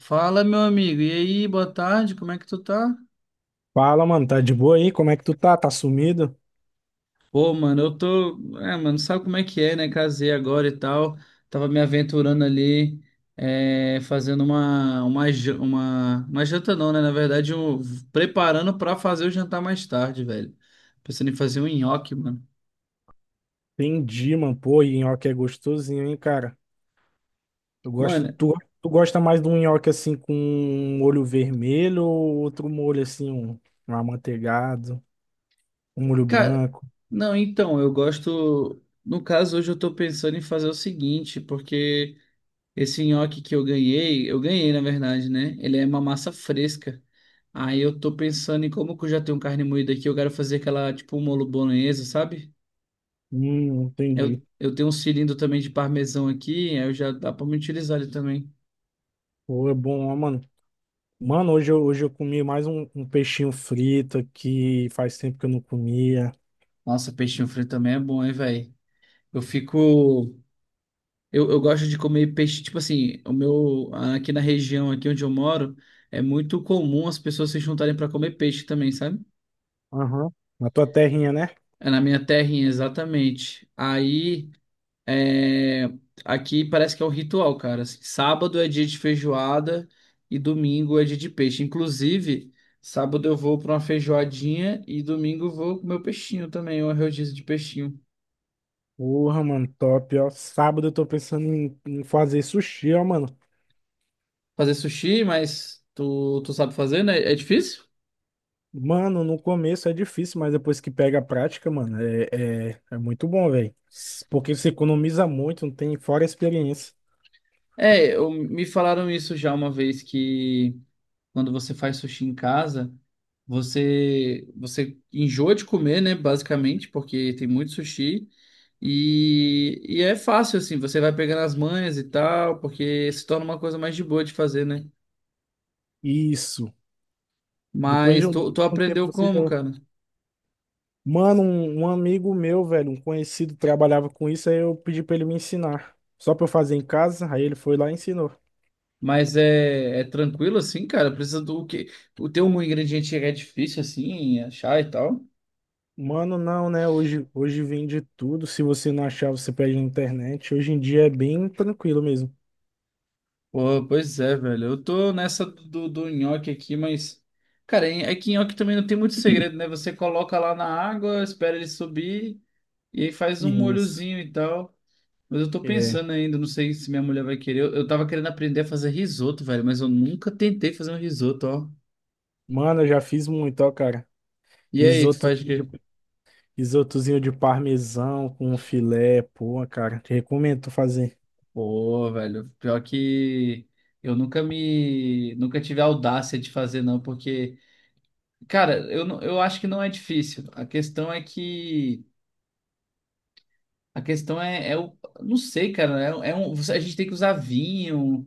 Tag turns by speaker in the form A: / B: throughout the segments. A: Fala, meu amigo. E aí, boa tarde, como é que tu tá?
B: Fala, mano, tá de boa aí? Como é que tu tá? Tá sumido?
A: Pô, mano, eu tô. É, mano, sabe como é que é, né? Casei agora e tal. Tava me aventurando ali, é, fazendo uma janta, não, né? Na verdade, eu preparando pra fazer o jantar mais tarde, velho. Pensando em fazer um nhoque, mano.
B: Entendi, mano. Pô, e nhoque é gostosinho, hein, cara? Eu gosto,
A: Mano,
B: tu, tu gosta mais de um nhoque assim com um olho vermelho ou outro molho assim, um amanteigado, um molho
A: cara,
B: branco?
A: não, então, eu gosto. No caso, hoje eu tô pensando em fazer o seguinte, porque esse nhoque que eu ganhei na verdade, né? Ele é uma massa fresca. Aí eu tô pensando em como que eu já tenho carne moída aqui, eu quero fazer aquela tipo um molho bolonhesa, sabe? Eu,
B: Entendi.
A: eu tenho um cilindro também de parmesão aqui, aí eu já dá pra me utilizar ele também.
B: Pô, é bom, ó, mano. Mano, hoje eu comi mais um peixinho frito que faz tempo que eu não comia.
A: Nossa, peixinho frito também é bom, hein, velho? Eu fico. Eu gosto de comer peixe, tipo assim, o meu. Aqui na região, aqui onde eu moro, é muito comum as pessoas se juntarem pra comer peixe também, sabe?
B: Aham. Na tua terrinha, né?
A: É na minha terrinha, exatamente. Aí. É, aqui parece que é o ritual, cara. Assim, sábado é dia de feijoada e domingo é dia de peixe. Inclusive, sábado eu vou para uma feijoadinha e domingo eu vou comer o peixinho também, uma rodízio de peixinho.
B: Porra, mano, top, ó. Sábado eu tô pensando em fazer sushi, ó, mano.
A: Fazer sushi, mas tu sabe fazer, né? É difícil?
B: Mano, no começo é difícil, mas depois que pega a prática, mano, é muito bom, velho. Porque você economiza muito, não tem fora a experiência.
A: Me falaram isso já uma vez que quando você faz sushi em casa, você enjoa de comer, né, basicamente, porque tem muito sushi e é fácil assim, você vai pegando as manhas e tal, porque se torna uma coisa mais de boa de fazer, né?
B: Isso. Depois
A: Mas
B: de
A: tu
B: um tempo
A: aprendeu
B: você já.
A: como, cara?
B: Mano, um amigo meu, velho, um conhecido, trabalhava com isso, aí eu pedi pra ele me ensinar. Só pra eu fazer em casa, aí ele foi lá e ensinou.
A: Mas é, é tranquilo assim, cara? Precisa do quê? O teu um ingrediente é difícil assim achar e tal?
B: Mano, não, né? Hoje vende tudo. Se você não achar, você pede na internet. Hoje em dia é bem tranquilo mesmo.
A: Pô, pois é, velho. Eu tô nessa do nhoque aqui, mas cara, é que nhoque também não tem muito segredo, né? Você coloca lá na água, espera ele subir e aí faz um
B: Isso.
A: molhozinho e tal. Mas eu tô
B: É.
A: pensando ainda, não sei se minha mulher vai querer. Eu tava querendo aprender a fazer risoto, velho, mas eu nunca tentei fazer um risoto, ó.
B: Mano, eu já fiz muito, ó, cara.
A: E aí, tu faz o
B: Isotozinho
A: quê?
B: de, isotozinho de parmesão com filé, pô, cara. Te recomendo tu fazer.
A: Pô, velho, pior que eu nunca me. Nunca tive a audácia de fazer, não, porque cara, eu, eu acho que não é difícil. A questão é que a questão é, é o, não sei, cara, é, é um, a gente tem que usar vinho,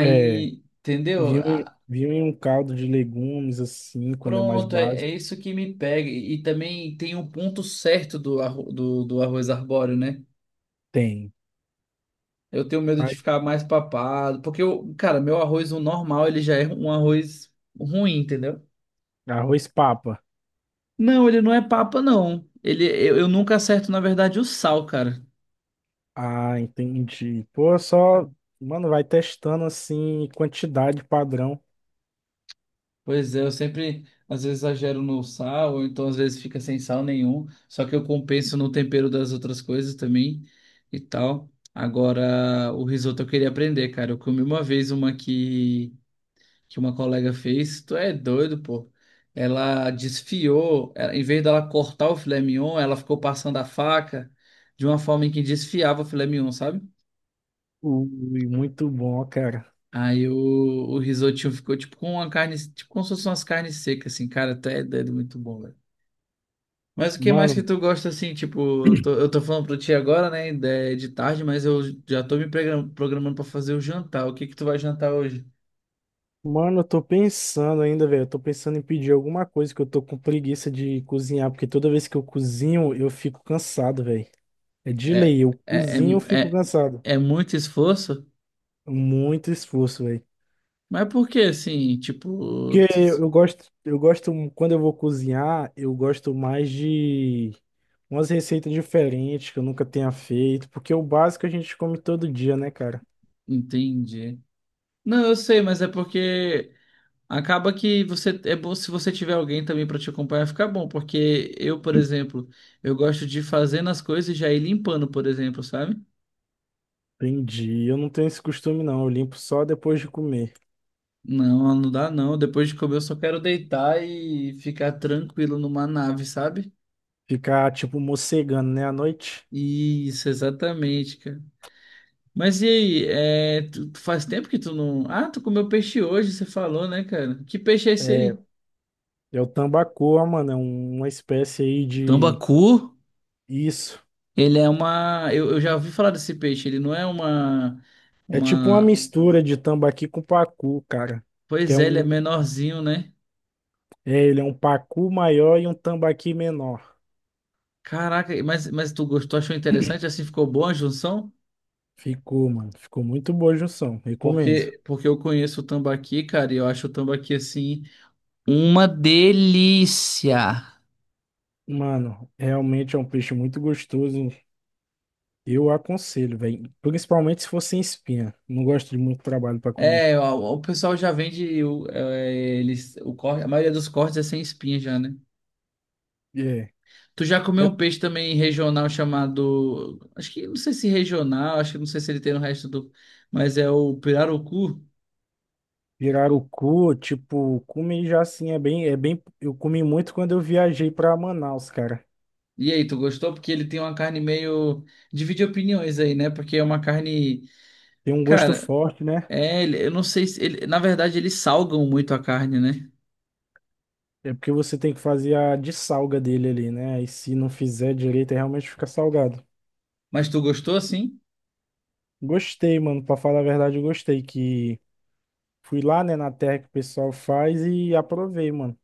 B: É.
A: entendeu? Ah,
B: Vinho em um caldo de legumes, assim, quando é mais
A: pronto, é, é
B: básico.
A: isso que me pega. E também tem um ponto certo do, do, do arroz arbóreo, né?
B: Tem.
A: Eu tenho medo de
B: Ai,
A: ficar mais papado, porque eu, cara, meu arroz o normal, ele já é um arroz ruim, entendeu?
B: arroz papa.
A: Não, ele não é papa, não. Ele, eu nunca acerto, na verdade, o sal, cara.
B: Ah, entendi. Pô, só. Mano, vai testando, assim, quantidade padrão.
A: Pois é, eu sempre, às vezes, exagero no sal, ou então às vezes fica sem sal nenhum, só que eu compenso no tempero das outras coisas também e tal. Agora, o risoto eu queria aprender, cara. Eu comi uma vez uma que uma colega fez, tu é doido, pô. Ela desfiou, em vez dela cortar o filé mignon, ela ficou passando a faca de uma forma em que desfiava o filé mignon, sabe?
B: Ui, muito bom, ó, cara.
A: Aí o risotinho ficou tipo com uma carne, tipo como se fossem umas carnes secas, assim, cara, até é doido, muito bom, velho. Mas o que mais que
B: Mano,
A: tu gosta assim, tipo, eu tô falando pra ti agora, né, de tarde, mas eu já tô me programando pra fazer o jantar. O que que tu vai jantar hoje?
B: Mano, eu tô pensando ainda, velho. Eu tô pensando em pedir alguma coisa que eu tô com preguiça de cozinhar, porque toda vez que eu cozinho, eu fico cansado, velho. É de
A: É,
B: lei, eu
A: é,
B: cozinho, eu
A: é,
B: fico
A: é,
B: cansado.
A: é muito esforço?
B: Muito esforço, velho.
A: Mas por que assim, tipo,
B: Porque eu gosto, eu gosto, quando eu vou cozinhar, eu gosto mais de umas receitas diferentes que eu nunca tenha feito, porque é o básico a gente come todo dia, né, cara?
A: entendi. Não, eu sei, mas é porque acaba que você é bom se você tiver alguém também pra te acompanhar, fica bom, porque eu, por exemplo, eu gosto de fazendo as coisas e já ir limpando, por exemplo, sabe?
B: Entendi. Eu não tenho esse costume, não. Eu limpo só depois de comer.
A: Não, não dá não. Depois de comer, eu só quero deitar e ficar tranquilo numa nave, sabe?
B: Ficar, tipo, mocegando, né, à noite.
A: Isso, exatamente, cara. Mas e aí, é, tu, tu faz tempo que tu não. Ah, tu comeu peixe hoje, você falou, né, cara? Que peixe é esse
B: É,
A: aí?
B: é o tambacoa, mano. Uma espécie aí de.
A: Tambacu,
B: Isso.
A: ele é uma. Eu já ouvi falar desse peixe, ele não é uma.
B: É tipo uma
A: Uma.
B: mistura de tambaqui com pacu, cara. Que
A: Pois
B: é
A: é, ele é
B: um.
A: menorzinho, né?
B: É, ele é um pacu maior e um tambaqui menor.
A: Caraca, mas tu gostou, achou interessante? Assim ficou boa a junção?
B: Ficou, mano. Ficou muito boa a junção. Recomendo.
A: Porque, porque eu conheço o tambaqui, cara, e eu acho o tambaqui assim. Uma delícia.
B: Mano, realmente é um peixe muito gostoso. Eu aconselho, velho. Principalmente se for sem espinha. Não gosto de muito trabalho pra comer.
A: É, o pessoal já vende o, é, eles, o corte, a maioria dos cortes é sem espinha já, né?
B: É.
A: Tu já comeu
B: É
A: um peixe também regional chamado, acho que não sei se regional, acho que não sei se ele tem no resto do, mas é o pirarucu.
B: pirarucu, tipo, comi já assim, é bem. Eu comi muito quando eu viajei pra Manaus, cara.
A: E aí, tu gostou? Porque ele tem uma carne meio divide opiniões aí, né? Porque é uma carne,
B: Tem um gosto
A: cara,
B: forte, né?
A: é, eu não sei se ele, na verdade eles salgam muito a carne, né?
B: É porque você tem que fazer a dessalga dele ali, né? E se não fizer direito, aí realmente fica salgado.
A: Mas tu gostou assim?
B: Gostei, mano. Pra falar a verdade, eu gostei que fui lá, né, na terra que o pessoal faz e aprovei, mano.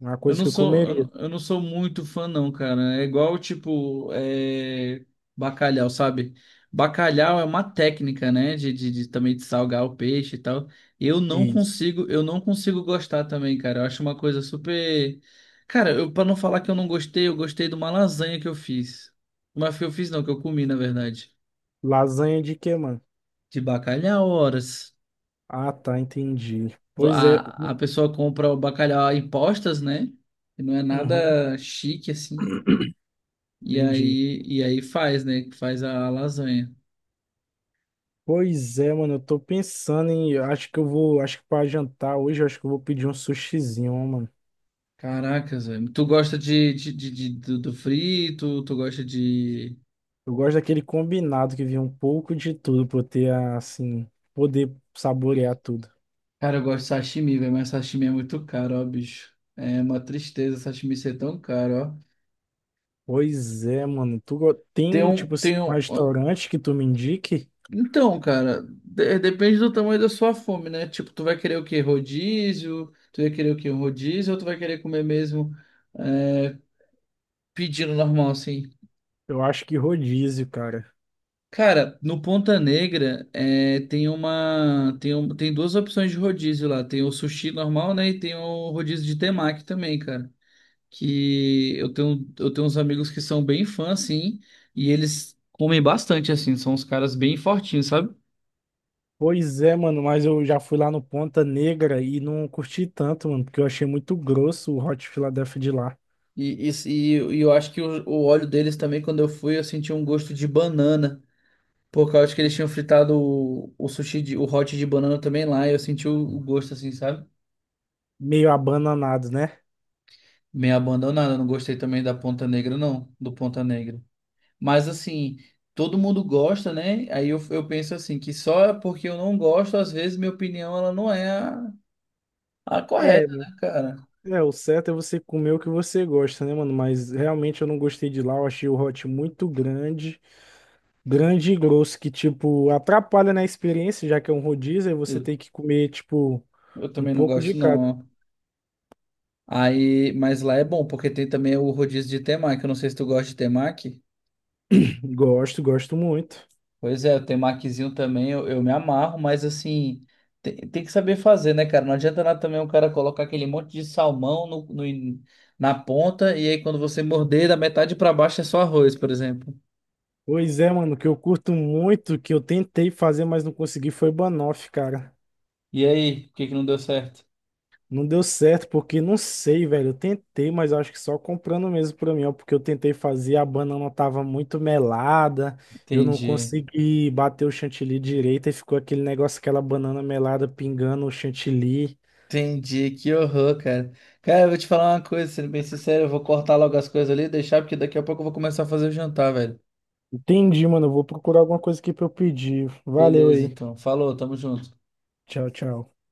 B: Uma
A: Eu
B: coisa
A: não
B: que eu
A: sou, eu não
B: comeria.
A: eu não sou muito fã, não, cara. É igual, tipo, é, bacalhau, sabe? Bacalhau é uma técnica, né? De também de salgar o peixe e tal. Eu não
B: Isso.
A: consigo, eu não consigo gostar também, cara. Eu acho uma coisa super. Cara, eu, pra não falar que eu não gostei, eu gostei de uma lasanha que eu fiz. Mas que eu fiz não, que eu comi, na verdade.
B: Lasanha de quê, mano?
A: De bacalhau, horas.
B: Ah, tá, entendi. Pois é.
A: A pessoa compra o bacalhau em postas, né? E não é
B: Uhum,
A: nada chique assim. E
B: entendi.
A: aí, e aí faz, né? Faz a lasanha.
B: Pois é, mano, eu tô pensando em. Acho que eu vou. Acho que pra jantar hoje, eu acho que eu vou pedir um sushizinho, ó, mano.
A: Caracas, velho. Tu gosta de, do, do frito? Tu gosta de.
B: Eu gosto daquele combinado que vinha um pouco de tudo pra eu ter, assim, poder saborear tudo.
A: Cara, eu gosto de sashimi, velho, mas sashimi é muito caro, ó, bicho. É uma tristeza sashimi ser tão caro, ó.
B: Pois é, mano.
A: Tem
B: Tem,
A: um.
B: tipo, assim,
A: Tem
B: um
A: um... ó,
B: restaurante que tu me indique?
A: então, cara, depende do tamanho da sua fome, né? Tipo, tu vai querer o quê? Rodízio? Tu vai querer o quê? Um rodízio? Ou tu vai querer comer mesmo é, pedindo normal, assim?
B: Eu acho que rodízio, cara.
A: Cara, no Ponta Negra é, tem uma tem, tem duas opções de rodízio lá. Tem o sushi normal, né? E tem o rodízio de temaki também, cara. Que eu tenho uns amigos que são bem fãs, assim, e eles comem bastante, assim. São uns caras bem fortinhos, sabe?
B: Pois é, mano, mas eu já fui lá no Ponta Negra e não curti tanto, mano, porque eu achei muito grosso o Hot Philadelphia de lá.
A: E eu acho que o óleo deles também, quando eu fui, eu senti um gosto de banana. Por causa que eles tinham fritado o sushi, de, o hot de banana também lá. E eu senti o gosto, assim, sabe?
B: Meio abananado, né?
A: Meio abandonada, não gostei também da Ponta Negra, não, do Ponta Negra. Mas assim, todo mundo gosta, né? Aí eu penso assim, que só porque eu não gosto, às vezes minha opinião ela não é a
B: É,
A: correta, né, cara?
B: o certo é você comer o que você gosta, né, mano? Mas realmente eu não gostei de lá, eu achei o Hot muito grande. Grande e grosso que, tipo, atrapalha na experiência, já que é um rodízio, aí você
A: Eu,
B: tem que comer, tipo,
A: eu
B: um
A: também não
B: pouco de
A: gosto,
B: cada.
A: não. Aí, mas lá é bom, porque tem também o rodízio de temaki. Eu não sei se tu gosta de temaki.
B: Gosto, gosto muito.
A: Pois é, eu tenho maquizinho também, eu me amarro, mas assim, tem, tem que saber fazer, né, cara? Não adianta nada também o cara colocar aquele monte de salmão no, na ponta e aí quando você morder, da metade pra baixo é só arroz, por exemplo.
B: Pois é, mano, o que eu curto muito, que eu tentei fazer, mas não consegui, foi banoffee, cara.
A: E aí, por que que não deu certo?
B: Não deu certo, porque não sei, velho. Eu tentei, mas eu acho que só comprando mesmo pra mim, ó, porque eu tentei fazer, a banana tava muito melada, eu não
A: Entendi.
B: consegui bater o chantilly direito, e ficou aquele negócio, aquela banana melada pingando o chantilly.
A: Entendi, que horror, cara. Cara, eu vou te falar uma coisa, sendo bem sincero, eu vou cortar logo as coisas ali e deixar, porque daqui a pouco eu vou começar a fazer o jantar, velho.
B: Entendi, mano. Eu vou procurar alguma coisa aqui pra eu pedir. Valeu
A: Beleza,
B: aí.
A: então. Falou, tamo junto.
B: Tchau, tchau.